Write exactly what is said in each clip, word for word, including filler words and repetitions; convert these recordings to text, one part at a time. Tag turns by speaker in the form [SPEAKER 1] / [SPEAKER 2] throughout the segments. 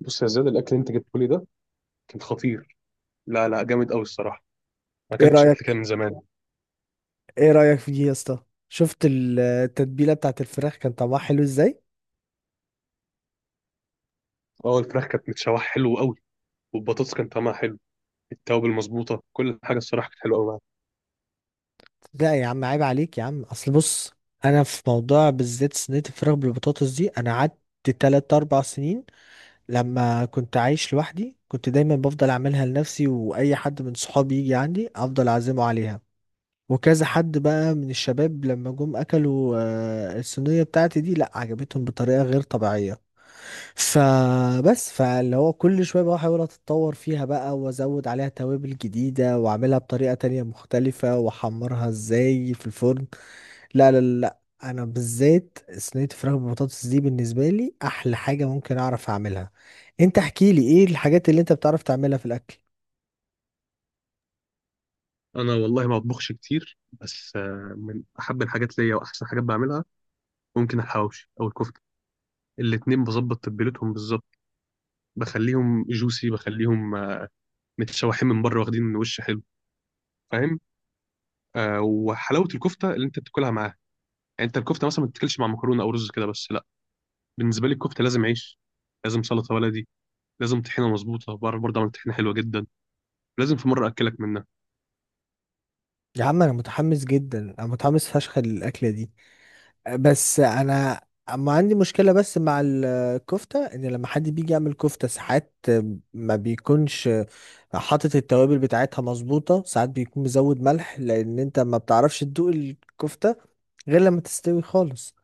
[SPEAKER 1] بص يا زياد، الاكل اللي انت جبته لي ده كان خطير. لا لا، جامد قوي الصراحه. ما
[SPEAKER 2] ايه
[SPEAKER 1] اكلتش اكل كده
[SPEAKER 2] رأيك
[SPEAKER 1] من زمان.
[SPEAKER 2] ايه رأيك في دي يا اسطى؟ شفت ال- التتبيلة بتاعت الفراخ كان طعمها حلو ازاي.
[SPEAKER 1] اه، الفراخ كانت متشوحه حلو قوي، والبطاطس كان طعمها حلو، التوابل المظبوطه، كل حاجه الصراحه كانت حلوه قوي معاك.
[SPEAKER 2] لا يا عم، عيب عليك يا عم، اصل بص، انا في موضوع بالذات صينية الفراخ بالبطاطس دي انا قعدت تلات اربع سنين لما كنت عايش لوحدي، كنت دايما بفضل اعملها لنفسي، واي حد من صحابي يجي عندي افضل اعزمه عليها، وكذا حد بقى من الشباب لما جم اكلوا، آه، الصينية بتاعتي دي لا عجبتهم بطريقة غير طبيعية. فبس فاللي هو كل شوية بقى احاول اتطور فيها بقى وازود عليها توابل جديدة واعملها بطريقة تانية مختلفة واحمرها ازاي في الفرن. لا لا لا لا. انا بالذات صينية الفراخ بالبطاطس دي بالنسبة لي احلى حاجة ممكن اعرف اعملها. انت احكي لي ايه الحاجات اللي انت بتعرف تعملها في الاكل؟
[SPEAKER 1] انا والله ما بطبخش كتير، بس آه، من احب الحاجات ليا واحسن حاجات بعملها، ممكن الحواوشي او الكفته. الاتنين بظبط تتبيلتهم بالظبط، بخليهم جوسي، بخليهم آه، متشوحين من بره واخدين وش حلو. فاهم؟ آه، وحلاوه الكفته اللي انت بتاكلها معاها، يعني انت الكفته مثلا ما بتاكلش مع مكرونه او رز كده بس؟ بالنسبه لي الكفته لازم عيش، لازم سلطه بلدي، لازم طحينه مظبوطه، بعرف برضه اعمل طحينه حلوه جدا، لازم في مره اكلك منها.
[SPEAKER 2] يا عم انا متحمس جدا، انا متحمس فشخ للاكلة دي، بس انا اما عندي مشكلة بس مع الكفتة ان لما حد بيجي يعمل كفتة ساعات ما بيكونش حاطط التوابل بتاعتها مظبوطة، ساعات بيكون مزود ملح، لان انت ما بتعرفش تدوق الكفتة غير لما تستوي خالص.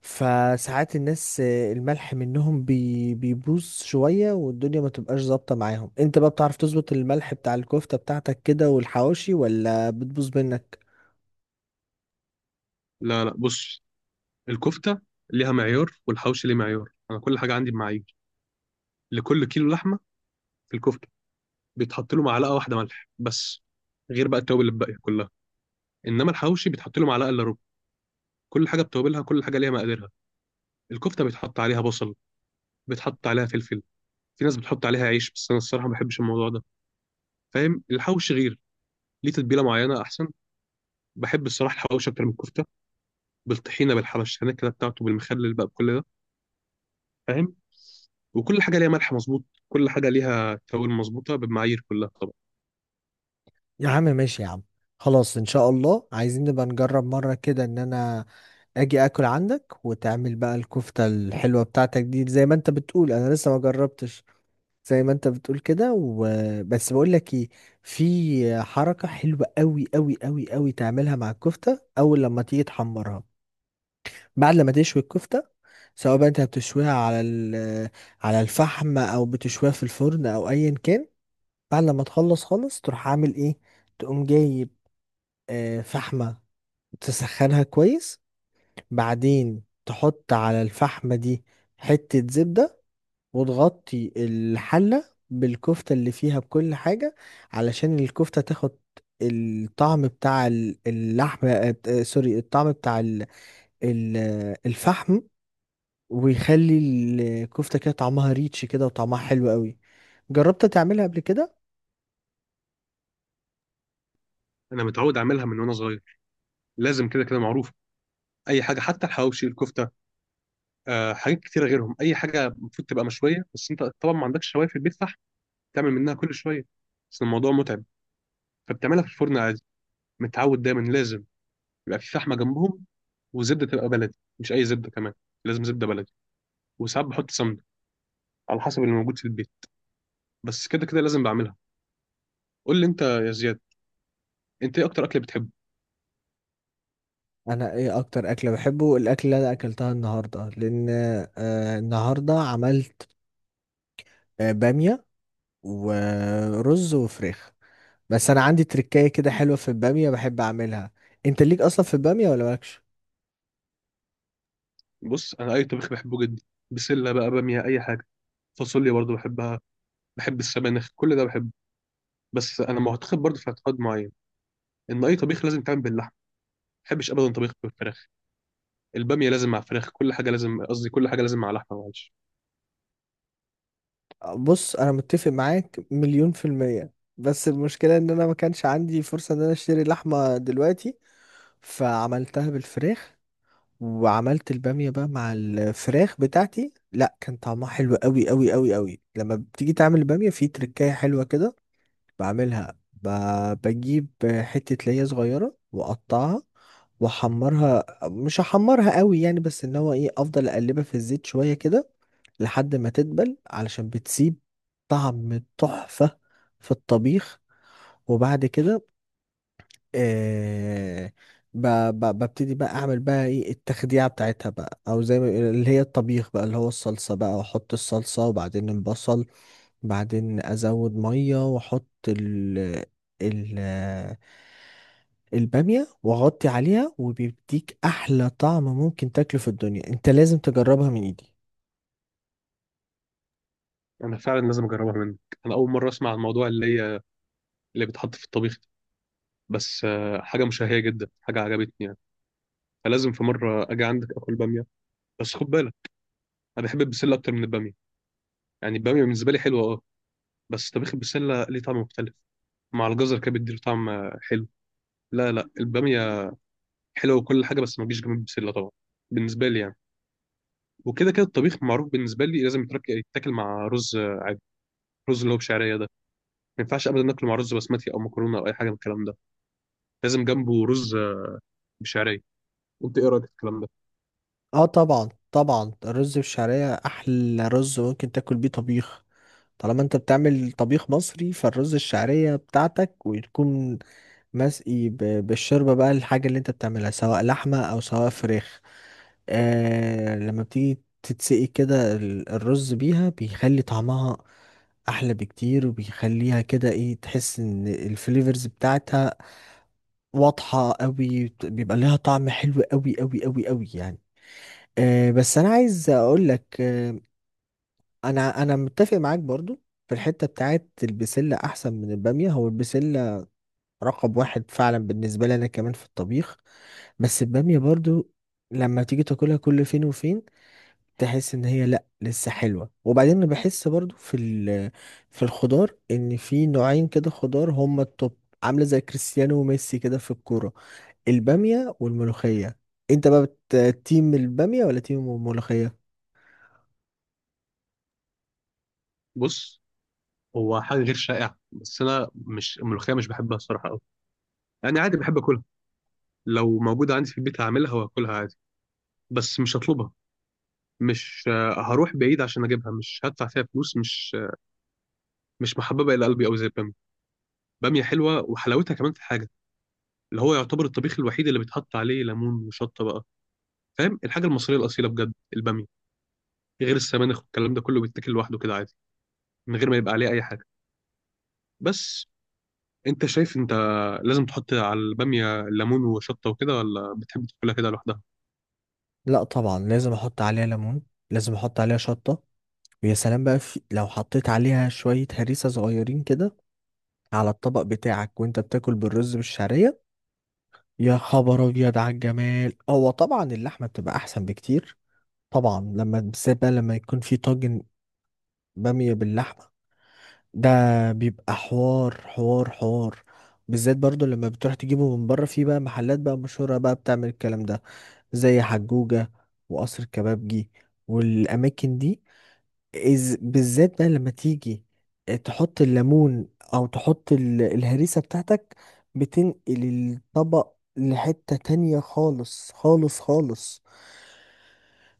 [SPEAKER 2] فساعات الناس الملح منهم بي بيبوظ شوية والدنيا ما تبقاش ظابطة معاهم. انت بقى بتعرف تظبط الملح بتاع الكفتة بتاعتك كده والحواوشي ولا بتبوظ منك؟
[SPEAKER 1] لا لا، بص، الكفته ليها معيار والحوشي ليه معيار، انا كل حاجه عندي بمعايير. لكل كيلو لحمه في الكفته بيتحط له معلقه واحده ملح بس، غير بقى التوابل الباقيه كلها. انما الحوشي بيتحط له معلقه الا ربع. كل حاجه بتوابلها، كل حاجه ليها مقاديرها. الكفته بيتحط عليها بصل، بيتحط عليها فلفل، في ناس بتحط عليها عيش بس انا الصراحه ما بحبش الموضوع ده. فاهم؟ الحوشي غير، ليه تتبيله معينه احسن. بحب الصراحه الحوشي اكتر من الكفته، بالطحينه، بالحبش هناكله بتاعته، بالمخلل بقى، بكل ده. فاهم؟ وكل حاجه ليها ملح مظبوط، كل حاجه ليها توابل مظبوطه بالمعايير كلها طبعا.
[SPEAKER 2] يا عم ماشي يا عم، خلاص ان شاء الله عايزين نبقى نجرب مرة كده ان انا اجي اكل عندك وتعمل بقى الكفتة الحلوة بتاعتك دي زي ما انت بتقول، انا لسه ما جربتش زي ما انت بتقول كده، وبس بقول لك ايه، في حركة حلوة قوي قوي قوي قوي تعملها مع الكفتة. اول لما تيجي تحمرها، بعد لما تشوي الكفتة، سواء بقى انت بتشويها على ال- على الفحم او بتشويها في الفرن او ايا كان، بعد لما تخلص خالص تروح عامل ايه، تقوم جايب آه، فحمة، تسخنها كويس، بعدين تحط على الفحمة دي حتة زبدة وتغطي الحلة بالكفتة اللي فيها بكل حاجة، علشان الكفتة تاخد الطعم بتاع ال- اللحم آه، آه، سوري، الطعم بتاع ال- ال- آه، الفحم، ويخلي الكفتة كده طعمها ريتش كده وطعمها حلو قوي. جربت تعملها قبل كده؟
[SPEAKER 1] انا متعود اعملها من وانا صغير، لازم كده كده معروف اي حاجه، حتى الحواوشي الكفته آه، حاجات كتيره غيرهم. اي حاجه المفروض تبقى مشويه، بس انت طبعا ما عندكش شوايه في البيت، صح؟ تعمل منها كل شويه بس الموضوع متعب، فبتعملها في الفرن عادي. متعود دايما لازم يبقى في فحمه جنبهم، وزبده تبقى بلدي، مش اي زبده كمان، لازم زبده بلدي. وساعات بحط سمنه، على حسب اللي موجود في البيت، بس كده كده لازم بعملها. قول لي انت يا زياد، انت ايه اكتر اكل بتحبه؟
[SPEAKER 2] انا ايه اكتر اكله بحبه؟ الاكل اللي انا اكلتها النهارده، لان آه النهارده عملت آه، بامية ورز وفراخ. بس انا عندي تركاية كده حلوة في البامية بحب اعملها. انت ليك اصلا في البامية ولا مالكش؟
[SPEAKER 1] بص، انا اي طبيخ بحبه جدا، بسله بقى، باميه، اي حاجه، فاصوليا برضو بحبها، بحب السبانخ، كل ده بحبه. بس انا معتقد برضو، في اعتقاد معين، ان اي طبيخ لازم يتعمل باللحمه، ما بحبش ابدا طبيخ بالفراخ. الباميه لازم مع فراخ، كل حاجه لازم، قصدي كل حاجه لازم مع لحمه، معلش.
[SPEAKER 2] بص انا متفق معاك مليون في المية، بس المشكلة ان انا ما كانش عندي فرصة ان انا اشتري لحمة دلوقتي، فعملتها بالفراخ، وعملت البامية بقى مع الفراخ بتاعتي لا كان طعمها حلو قوي قوي قوي قوي. لما بتيجي تعمل البامية في تركاية حلوة كده، بعملها ب- بجيب حتة ليا صغيرة واقطعها واحمرها، مش هحمرها قوي يعني بس ان هو ايه افضل اقلبها في الزيت شوية كده لحد ما تدبل علشان بتسيب طعم تحفة في الطبيخ. وبعد كده آه ب- ب- ببتدي بقى اعمل بقى ايه التخديعة بتاعتها بقى، او زي ما بيقولوا اللي هي الطبيخ بقى اللي هو الصلصة بقى، واحط الصلصة وبعدين البصل، بعدين ازود ميه واحط ال ال الباميه واغطي عليها، وبيديك احلى طعم ممكن تاكله في الدنيا. انت لازم تجربها من ايدي.
[SPEAKER 1] انا فعلا لازم اجربها منك، انا اول مره اسمع عن الموضوع اللي هي اللي بيتحط في الطبيخ ده، بس آه، حاجه مشهيه جدا، حاجه عجبتني يعني، فلازم في مره اجي عندك اكل باميه. بس خد بالك، انا بحب البسله اكتر من الباميه، يعني الباميه بالنسبه لي حلوه اه، بس طبيخ البسلة ليه طعم مختلف، مع الجزر كده بيديله طعم آه، حلو. لا لا، البامية حلوة وكل حاجة بس ما تجيش جنب البسلة طبعا، بالنسبة لي يعني. وكده كده الطبيخ معروف بالنسبة لي لازم يترك- يتاكل مع رز آه، عادي، رز اللي هو بشعرية ده. ما ينفعش أبدا ناكله مع رز بسمتي أو مكرونة أو أي حاجة من الكلام ده، لازم جنبه رز آه، بشعرية. أنت إيه رأيك في الكلام ده؟
[SPEAKER 2] اه طبعا طبعا، الرز بالشعريه احلى رز ممكن تاكل بيه طبيخ. طالما انت بتعمل طبيخ مصري فالرز الشعرية بتاعتك وتكون مسقي ب- بالشوربة بقى الحاجة اللي انت بتعملها سواء لحمة او سواء فراخ. آه لما بتيجي تتسقي كده ال- الرز بيها بيخلي طعمها احلى بكتير، وبيخليها كده ايه، تحس ان الفليفرز بتاعتها واضحة قوي، بيبقى لها طعم حلو قوي قوي قوي قوي يعني. آه بس انا عايز اقول لك، آه، انا انا متفق معاك برضو في الحته بتاعت البسله احسن من الباميه. هو البسله رقم واحد فعلا بالنسبه لي انا كمان في الطبيخ، بس الباميه برضو لما تيجي تاكلها كل فين وفين تحس ان هي لا لسه حلوه. وبعدين أنا بحس برضو في ال- في الخضار ان في نوعين كده خضار هما التوب، عامله زي كريستيانو وميسي كده في الكوره، الباميه والملوخيه. انت بقى بت- تيم الباميه ولا تيم الملوخيه؟
[SPEAKER 1] بص، هو حاجة غير شائعة بس أنا مش الملوخية مش بحبها الصراحة أوي، يعني عادي بحب أكلها، لو موجودة عندي في البيت هعملها وهاكلها عادي، بس مش هطلبها، مش آه، هروح بعيد عشان اجيبها، مش هدفع فيها فلوس، مش آه، مش محببه الى قلبي قوي زي الباميه. باميه حلوه، وحلاوتها كمان في حاجه، اللي هو يعتبر الطبيخ الوحيد اللي بيتحط عليه ليمون وشطه بقى. فاهم؟ الحاجه المصريه الاصيله بجد الباميه، غير السبانخ والكلام ده كله بيتاكل لوحده كده عادي، من غير ما يبقى عليه اي حاجه. بس انت شايف، انت لازم تحط على الباميه ليمون وشطه وكده، ولا بتحب تاكلها كده لوحدها؟
[SPEAKER 2] لا طبعا لازم احط عليها ليمون، لازم احط عليها شطه، ويا سلام بقى في لو حطيت عليها شوية هريسة صغيرين كده على الطبق بتاعك وانت بتاكل بالرز بالشعرية، يا خبر ابيض على الجمال. هو طبعا اللحمة بتبقى احسن بكتير، طبعا لما بالذات بقى لما يكون في طاجن بامية باللحمة ده، بيبقى حوار حوار حوار. بالذات برضو لما بتروح تجيبه من بره في بقى محلات بقى مشهورة بقى بتعمل الكلام ده زي حجوجة وقصر الكبابجي والأماكن دي، إز بالذات بقى لما تيجي آه، تحط الليمون او تحط ال- الهريسة بتاعتك، بتنقل الطبق لحتة تانية خالص خالص خالص.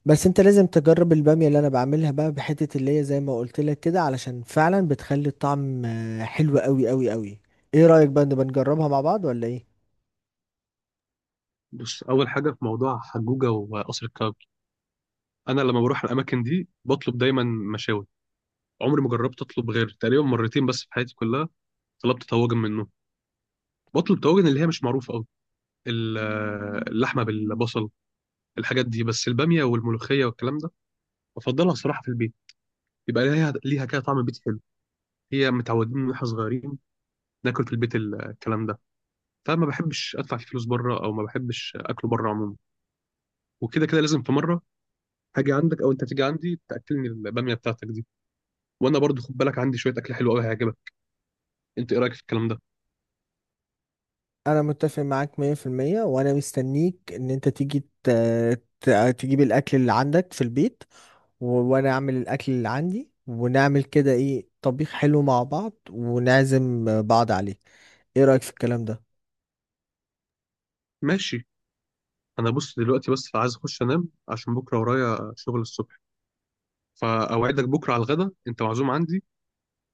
[SPEAKER 2] بس انت لازم تجرب البامية اللي انا بعملها بقى بحتة اللي هي زي ما قلت لك كده، علشان فعلا بتخلي الطعم آه، حلو قوي قوي قوي. ايه رأيك بقى نبقى نجربها مع بعض ولا ايه؟
[SPEAKER 1] بص، اول حاجه في موضوع حجوجه وقصر الكبابجي، انا لما بروح الاماكن دي بطلب دايما مشاوي. عمري ما جربت اطلب غير تقريبا مرتين بس في حياتي كلها، طلبت طواجن منه. بطلب طواجن اللي هي مش معروفه قوي، اللحمه بالبصل، الحاجات دي. بس الباميه والملوخيه والكلام ده بفضلها الصراحه في البيت، يبقى ليها ليها كده طعم بيت حلو. هي متعودين من واحنا صغيرين ناكل في البيت ال- الكلام ده، فما بحبش ادفع فيه فلوس بره، او ما بحبش اكله بره عموما. وكده كده لازم في مره هاجي عندك، او انت تيجي عندي تاكلني الباميه بتاعتك دي. وانا برضو خد بالك عندي شويه اكل حلو قوي هيعجبك. انت ايه رايك في الكلام ده؟
[SPEAKER 2] انا متفق معاك مية في المية وانا مستنيك ان انت تيجي ت... ت... تجيب الاكل اللي عندك في البيت، و- وانا اعمل الاكل اللي عندي ونعمل كده ايه طبيخ حلو مع بعض ونعزم بعض عليه. ايه رأيك في الكلام ده؟
[SPEAKER 1] ماشي. انا بص دلوقتي بس عايز اخش انام عشان بكره ورايا شغل الصبح، فاوعدك بكره على الغدا انت معزوم عندي،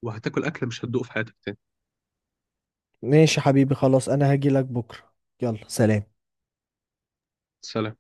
[SPEAKER 1] وهتاكل اكله مش هتدوق في حياتك تاني.
[SPEAKER 2] ماشي يا حبيبي، خلاص انا هاجي لك بكرة. يلا سلام.
[SPEAKER 1] سلام.